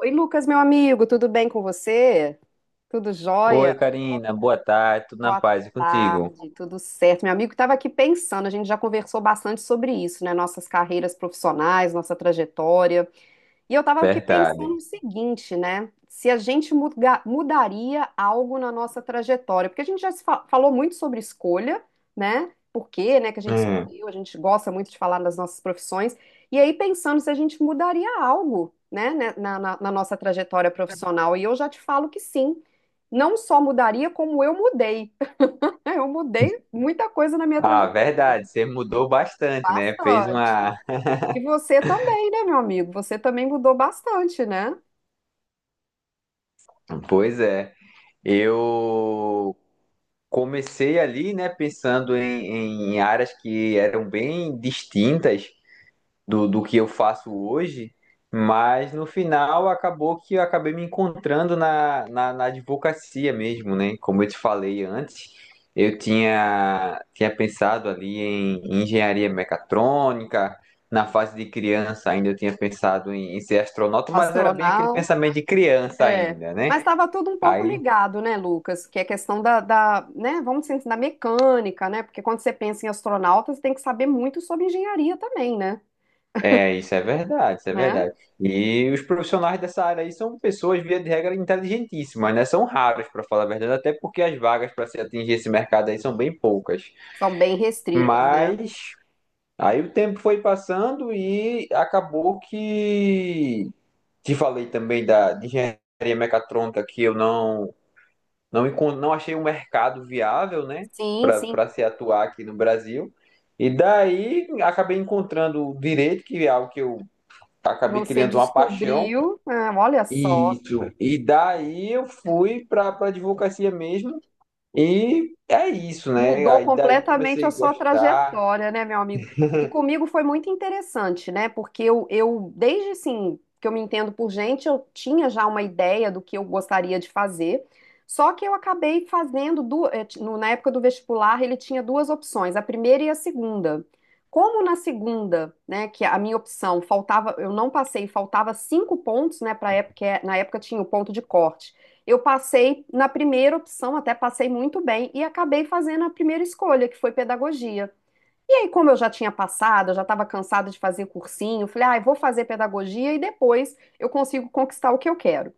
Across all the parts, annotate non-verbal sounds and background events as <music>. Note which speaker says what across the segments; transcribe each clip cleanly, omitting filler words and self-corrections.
Speaker 1: Oi, Lucas, meu amigo, tudo bem com você? Tudo
Speaker 2: Oi,
Speaker 1: jóia?
Speaker 2: Karina, boa tarde, tudo na
Speaker 1: Boa
Speaker 2: paz e contigo?
Speaker 1: tarde, tudo certo. Meu amigo estava aqui pensando, a gente já conversou bastante sobre isso, né? Nossas carreiras profissionais, nossa trajetória. E eu estava aqui
Speaker 2: Verdade.
Speaker 1: pensando o seguinte, né? Se a gente mudaria algo na nossa trajetória, porque a gente já se falou muito sobre escolha, né? Por quê, né, que a gente
Speaker 2: Hum.
Speaker 1: escolheu, a gente gosta muito de falar das nossas profissões. E aí pensando se a gente mudaria algo, né, na nossa trajetória profissional. E eu já te falo que sim. Não só mudaria, como eu mudei. <laughs> Eu mudei muita coisa na minha
Speaker 2: Ah,
Speaker 1: trajetória.
Speaker 2: verdade, você mudou bastante, né? Fez uma.
Speaker 1: Bastante. E você também, né, meu amigo? Você também mudou bastante, né?
Speaker 2: Pois é, eu comecei ali, né, pensando em áreas que eram bem distintas do que eu faço hoje, mas no final acabou que eu acabei me encontrando na advocacia mesmo, né? Como eu te falei antes, eu tinha pensado ali em engenharia mecatrônica, na fase de criança ainda eu tinha pensado em ser astronauta, mas era bem aquele
Speaker 1: Astronauta,
Speaker 2: pensamento de criança
Speaker 1: é.
Speaker 2: ainda, né?
Speaker 1: Mas estava tudo um pouco
Speaker 2: Aí
Speaker 1: ligado, né, Lucas? Que é questão da, né, vamos dizer assim, da mecânica, né? Porque quando você pensa em astronautas, você tem que saber muito sobre engenharia também, né?
Speaker 2: é, isso é verdade, isso é
Speaker 1: Né?
Speaker 2: verdade. E os profissionais dessa área aí são pessoas, via de regra, inteligentíssimas, né? São raros, para falar a verdade, até porque as vagas para se atingir esse mercado aí são bem poucas.
Speaker 1: São bem restritas, né?
Speaker 2: Mas aí o tempo foi passando e acabou que te falei também da de engenharia mecatrônica que eu não não achei um mercado viável, né,
Speaker 1: Sim,
Speaker 2: para
Speaker 1: sim.
Speaker 2: para se atuar aqui no Brasil. E daí acabei encontrando o direito, que é algo que eu
Speaker 1: E
Speaker 2: acabei
Speaker 1: você
Speaker 2: criando uma paixão.
Speaker 1: descobriu, ah, olha só.
Speaker 2: Isso. E daí eu fui para advocacia mesmo. E é isso, né?
Speaker 1: Mudou
Speaker 2: Aí daí
Speaker 1: completamente
Speaker 2: comecei
Speaker 1: a
Speaker 2: a
Speaker 1: sua
Speaker 2: gostar.
Speaker 1: trajetória, né, meu amigo? E comigo foi muito interessante, né? Porque eu desde assim, que eu me entendo por gente, eu tinha já uma ideia do que eu gostaria de fazer. Só que eu acabei fazendo, na época do vestibular, ele tinha duas opções, a primeira e a segunda. Como na segunda, né, que a minha opção faltava, eu não passei, faltava cinco pontos, né, para época, na época tinha o ponto de corte. Eu passei na primeira opção, até passei muito bem, e acabei fazendo a primeira escolha, que foi pedagogia. E aí, como eu já tinha passado, eu já estava cansada de fazer cursinho, falei, ah, eu vou fazer pedagogia e depois eu consigo conquistar o que eu quero.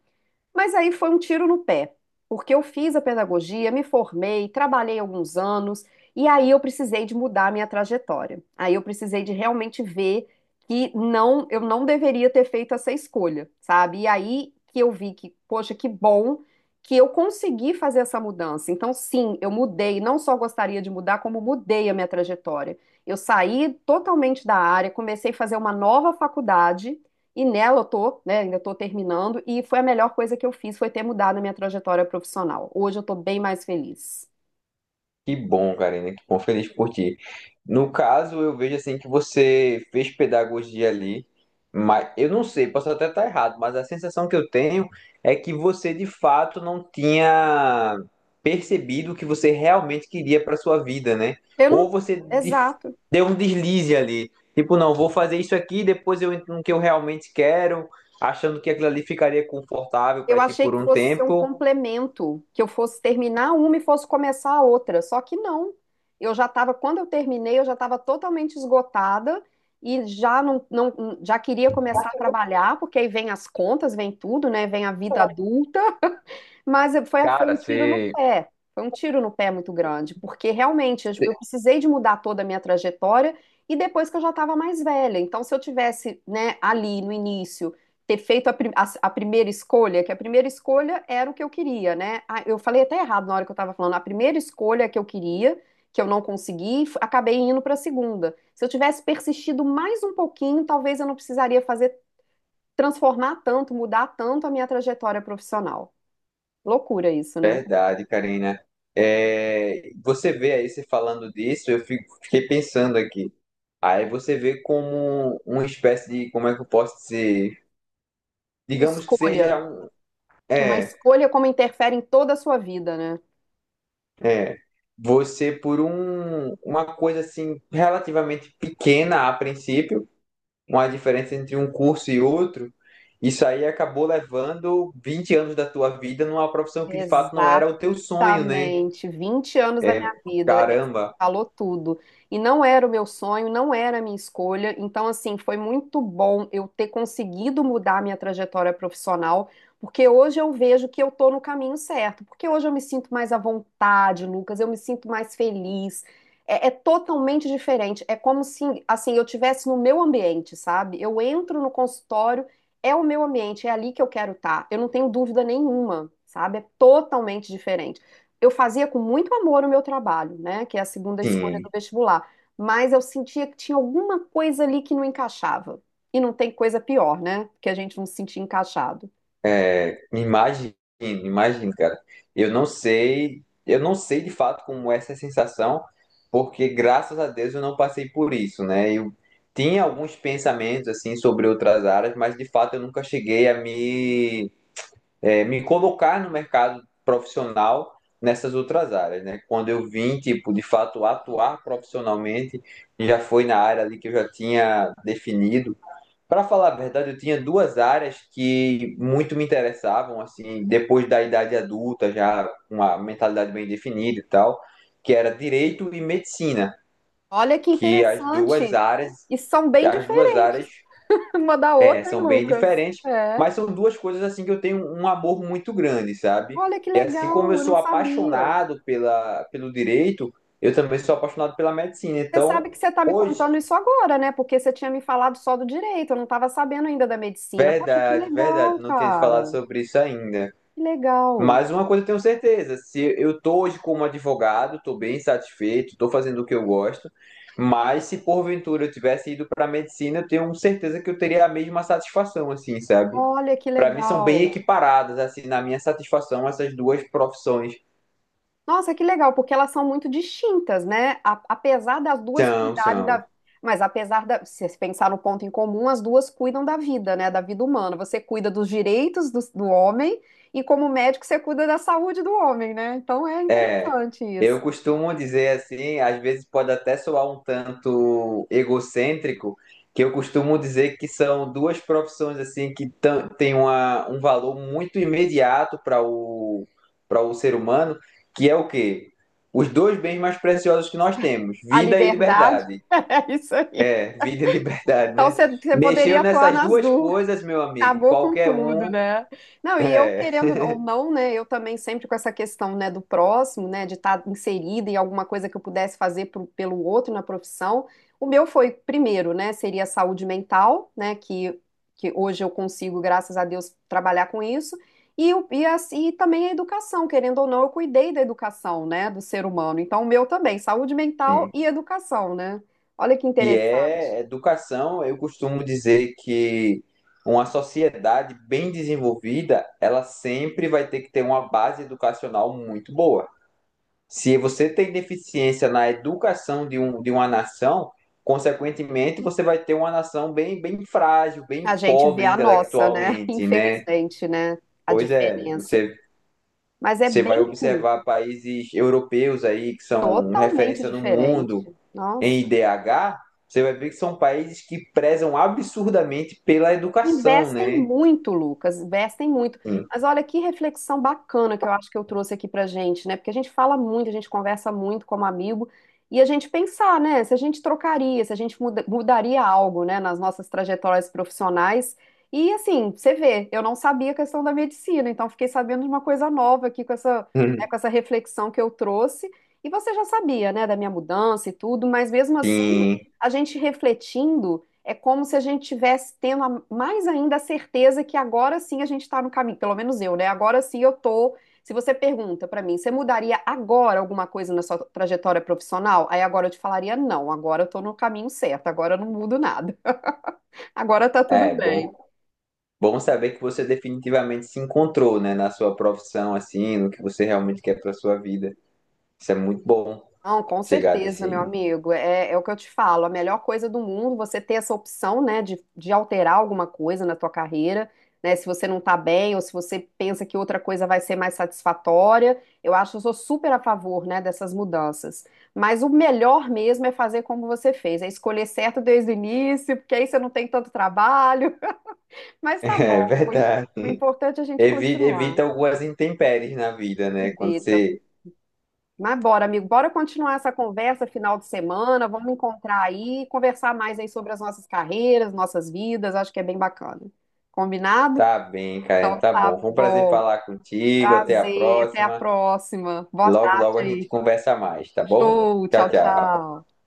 Speaker 1: Mas aí foi um tiro no pé, porque eu fiz a pedagogia, me formei, trabalhei alguns anos, e aí eu precisei de mudar a minha trajetória. Aí eu precisei de realmente ver que não, eu não deveria ter feito essa escolha, sabe? E aí que eu vi que, poxa, que bom que eu consegui fazer essa mudança. Então, sim, eu mudei, não só gostaria de mudar, como mudei a minha trajetória. Eu saí totalmente da área, comecei a fazer uma nova faculdade e nela eu tô, né, ainda tô terminando, e foi a melhor coisa que eu fiz, foi ter mudado a minha trajetória profissional. Hoje eu tô bem mais feliz.
Speaker 2: Que bom, Karina, que bom, feliz por ti. No caso, eu vejo assim que você fez pedagogia ali, mas eu não sei, posso até estar errado, mas a sensação que eu tenho é que você de fato não tinha percebido o que você realmente queria para sua vida, né?
Speaker 1: Eu
Speaker 2: Ou
Speaker 1: não,
Speaker 2: você de-
Speaker 1: exato.
Speaker 2: Deu um deslize ali, tipo, não, vou fazer isso aqui, depois eu entro no que eu realmente quero, achando que aquilo ali ficaria confortável para
Speaker 1: Eu
Speaker 2: ti
Speaker 1: achei
Speaker 2: por
Speaker 1: que
Speaker 2: um
Speaker 1: fosse ser um
Speaker 2: tempo.
Speaker 1: complemento, que eu fosse terminar uma e fosse começar a outra, só que não. Eu já estava, quando eu terminei, eu já estava totalmente esgotada e já não, não, já queria começar a trabalhar, porque aí vem as contas, vem tudo, né, vem a vida adulta. Foi
Speaker 2: Cara,
Speaker 1: um tiro no
Speaker 2: você
Speaker 1: pé. Foi um tiro no pé muito grande, porque realmente eu precisei de mudar toda a minha trajetória e depois que eu já estava mais velha. Então, se eu tivesse, né, ali no início, ter feito a primeira escolha, que a primeira escolha era o que eu queria, né? Ah, eu falei até errado na hora que eu estava falando, a primeira escolha que eu queria, que eu não consegui, acabei indo para a segunda. Se eu tivesse persistido mais um pouquinho, talvez eu não precisaria fazer, transformar tanto, mudar tanto a minha trajetória profissional. Loucura isso, né?
Speaker 2: verdade, Karina. É, você vê aí, você falando disso, eu fiquei pensando aqui. Aí você vê como uma espécie de, como é que eu posso dizer? Digamos que seja
Speaker 1: Escolha.
Speaker 2: um,
Speaker 1: Uma
Speaker 2: é,
Speaker 1: escolha como interfere em toda a sua vida, né?
Speaker 2: é, você por um, uma coisa assim relativamente pequena a princípio, uma diferença entre um curso e outro, isso aí acabou levando 20 anos da tua vida numa profissão que de fato não era o teu sonho, né?
Speaker 1: Exatamente. 20 anos da minha vida. É,
Speaker 2: Caramba.
Speaker 1: falou tudo. E não era o meu sonho, não era a minha escolha. Então, assim, foi muito bom eu ter conseguido mudar a minha trajetória profissional, porque hoje eu vejo que eu tô no caminho certo. Porque hoje eu me sinto mais à vontade, Lucas, eu me sinto mais feliz. É, é totalmente diferente. É como se, assim, eu tivesse no meu ambiente, sabe? Eu entro no consultório. É o meu ambiente, é ali que eu quero estar. Eu não tenho dúvida nenhuma, sabe? É totalmente diferente. Eu fazia com muito amor o meu trabalho, né? Que é a segunda escolha
Speaker 2: Sim,
Speaker 1: do vestibular. Mas eu sentia que tinha alguma coisa ali que não encaixava. E não tem coisa pior, né? Que a gente não se sentir encaixado.
Speaker 2: é, imagino, imagino, cara. Eu não sei de fato como é essa sensação, porque graças a Deus eu não passei por isso, né? Eu tinha alguns pensamentos assim sobre outras áreas, mas de fato eu nunca cheguei a me, me colocar no mercado profissional nessas outras áreas, né? Quando eu vim, tipo, de fato atuar profissionalmente, já foi na área ali que eu já tinha definido. Para falar a verdade, eu tinha duas áreas que muito me interessavam, assim, depois da idade adulta, já com uma mentalidade bem definida e tal, que era direito e medicina,
Speaker 1: Olha que
Speaker 2: que
Speaker 1: interessante. E são bem
Speaker 2: as duas áreas
Speaker 1: diferentes <laughs> uma da
Speaker 2: é,
Speaker 1: outra, hein,
Speaker 2: são bem
Speaker 1: Lucas?
Speaker 2: diferentes,
Speaker 1: É.
Speaker 2: mas são duas coisas assim que eu tenho um amor muito grande, sabe?
Speaker 1: Olha que
Speaker 2: E assim como eu
Speaker 1: legal, eu não
Speaker 2: sou
Speaker 1: sabia.
Speaker 2: apaixonado pelo direito, eu também sou apaixonado pela medicina.
Speaker 1: Você
Speaker 2: Então,
Speaker 1: sabe que você está me
Speaker 2: hoje,
Speaker 1: contando isso agora, né? Porque você tinha me falado só do direito, eu não estava sabendo ainda da medicina. Poxa, que
Speaker 2: verdade, verdade,
Speaker 1: legal,
Speaker 2: não tinha te falado
Speaker 1: cara.
Speaker 2: sobre isso ainda.
Speaker 1: Que legal.
Speaker 2: Mas uma coisa eu tenho certeza, se eu tô hoje como advogado, tô bem satisfeito, tô fazendo o que eu gosto, mas se porventura eu tivesse ido para medicina, eu tenho certeza que eu teria a mesma satisfação, assim, sabe?
Speaker 1: Olha que
Speaker 2: Para mim são bem
Speaker 1: legal.
Speaker 2: equiparadas, assim, na minha satisfação, essas duas profissões.
Speaker 1: Nossa, que legal, porque elas são muito distintas, né? Apesar das duas
Speaker 2: São,
Speaker 1: cuidarem
Speaker 2: são.
Speaker 1: da. Mas apesar da. Se você pensar no ponto em comum, as duas cuidam da vida, né? Da vida humana. Você cuida dos direitos do homem e, como médico, você cuida da saúde do homem, né? Então é
Speaker 2: É,
Speaker 1: interessante
Speaker 2: eu
Speaker 1: isso.
Speaker 2: costumo dizer assim, às vezes pode até soar um tanto egocêntrico, que eu costumo dizer que são duas profissões assim que têm um valor muito imediato para o, para o ser humano, que é o quê? Os dois bens mais preciosos que nós temos,
Speaker 1: A
Speaker 2: vida e
Speaker 1: liberdade.
Speaker 2: liberdade.
Speaker 1: <laughs> É isso aí.
Speaker 2: É, <laughs> vida e liberdade,
Speaker 1: Então
Speaker 2: né?
Speaker 1: você poderia
Speaker 2: Mexeu
Speaker 1: atuar
Speaker 2: nessas
Speaker 1: nas
Speaker 2: duas
Speaker 1: duas.
Speaker 2: coisas, meu amigo,
Speaker 1: Acabou com
Speaker 2: qualquer
Speaker 1: tudo,
Speaker 2: um,
Speaker 1: né? Não, e eu
Speaker 2: é.
Speaker 1: querendo ou não, né? Eu também sempre com essa questão, né, do próximo, né, de estar inserida em alguma coisa que eu pudesse fazer pelo outro na profissão. O meu foi primeiro, né? Seria a saúde mental, né? Que hoje eu consigo, graças a Deus, trabalhar com isso. E, assim, e também a educação, querendo ou não, eu cuidei da educação, né, do ser humano. Então, o meu também, saúde mental e educação, né? Olha que
Speaker 2: Que é
Speaker 1: interessante.
Speaker 2: educação. Eu costumo dizer que uma sociedade bem desenvolvida, ela sempre vai ter que ter uma base educacional muito boa. Se você tem deficiência na educação de, um, de uma nação, consequentemente você vai ter uma nação bem, bem frágil, bem
Speaker 1: A gente vê
Speaker 2: pobre
Speaker 1: a nossa, né? <laughs>
Speaker 2: intelectualmente, né?
Speaker 1: Infelizmente, né? A
Speaker 2: Pois é,
Speaker 1: diferença.
Speaker 2: você,
Speaker 1: Mas é
Speaker 2: você
Speaker 1: bem
Speaker 2: vai
Speaker 1: ruim,
Speaker 2: observar países europeus aí que são
Speaker 1: totalmente
Speaker 2: referência no
Speaker 1: diferente.
Speaker 2: mundo, em
Speaker 1: Nossa.
Speaker 2: IDH, você vai ver que são países que prezam absurdamente pela educação,
Speaker 1: Investem
Speaker 2: né?
Speaker 1: muito, Lucas, investem muito.
Speaker 2: Sim.
Speaker 1: Mas olha que reflexão bacana que eu acho que eu trouxe aqui pra gente, né? Porque a gente fala muito, a gente conversa muito como amigo, e a gente pensar, né? Se a gente trocaria, se a gente mudaria algo, né, nas nossas trajetórias profissionais. E assim, você vê, eu não sabia a questão da medicina, então fiquei sabendo de uma coisa nova aqui com essa, né, com essa reflexão que eu trouxe. E você já sabia, né, da minha mudança e tudo, mas mesmo assim,
Speaker 2: Sim.
Speaker 1: a gente refletindo é como se a gente tivesse tendo mais ainda a certeza que agora sim a gente está no caminho, pelo menos eu, né? Agora sim eu tô. Se você pergunta pra mim, você mudaria agora alguma coisa na sua trajetória profissional? Aí agora eu te falaria, não, agora eu tô no caminho certo, agora eu não mudo nada. <laughs> Agora tá tudo
Speaker 2: É, bom.
Speaker 1: bem.
Speaker 2: Bom saber que você definitivamente se encontrou, né, na sua profissão, assim, no que você realmente quer para sua vida. Isso é muito bom
Speaker 1: Não, com
Speaker 2: chegar
Speaker 1: certeza, meu
Speaker 2: desse. <laughs>
Speaker 1: amigo. É, é o que eu te falo. A melhor coisa do mundo, você ter essa opção, né, de alterar alguma coisa na tua carreira, né? Se você não tá bem ou se você pensa que outra coisa vai ser mais satisfatória, eu acho que eu sou super a favor, né, dessas mudanças. Mas o melhor mesmo é fazer como você fez, é escolher certo desde o início, porque aí você não tem tanto trabalho. <laughs> Mas tá
Speaker 2: É
Speaker 1: bom. O im-
Speaker 2: verdade.
Speaker 1: o importante é a gente
Speaker 2: Evita,
Speaker 1: continuar.
Speaker 2: evita algumas intempéries na vida, né? Quando
Speaker 1: Invita.
Speaker 2: você
Speaker 1: Mas bora, amigo, bora continuar essa conversa final de semana, vamos encontrar aí, conversar mais aí sobre as nossas carreiras, nossas vidas, acho que é bem bacana. Combinado?
Speaker 2: tá bem, Karen, tá
Speaker 1: Tá
Speaker 2: bom. Foi um prazer
Speaker 1: bom,
Speaker 2: falar contigo. Até a
Speaker 1: prazer, até a
Speaker 2: próxima.
Speaker 1: próxima. Boa
Speaker 2: Logo,
Speaker 1: tarde
Speaker 2: logo a gente
Speaker 1: aí.
Speaker 2: conversa mais, tá bom?
Speaker 1: Show, tchau,
Speaker 2: Tchau, tchau.
Speaker 1: tchau.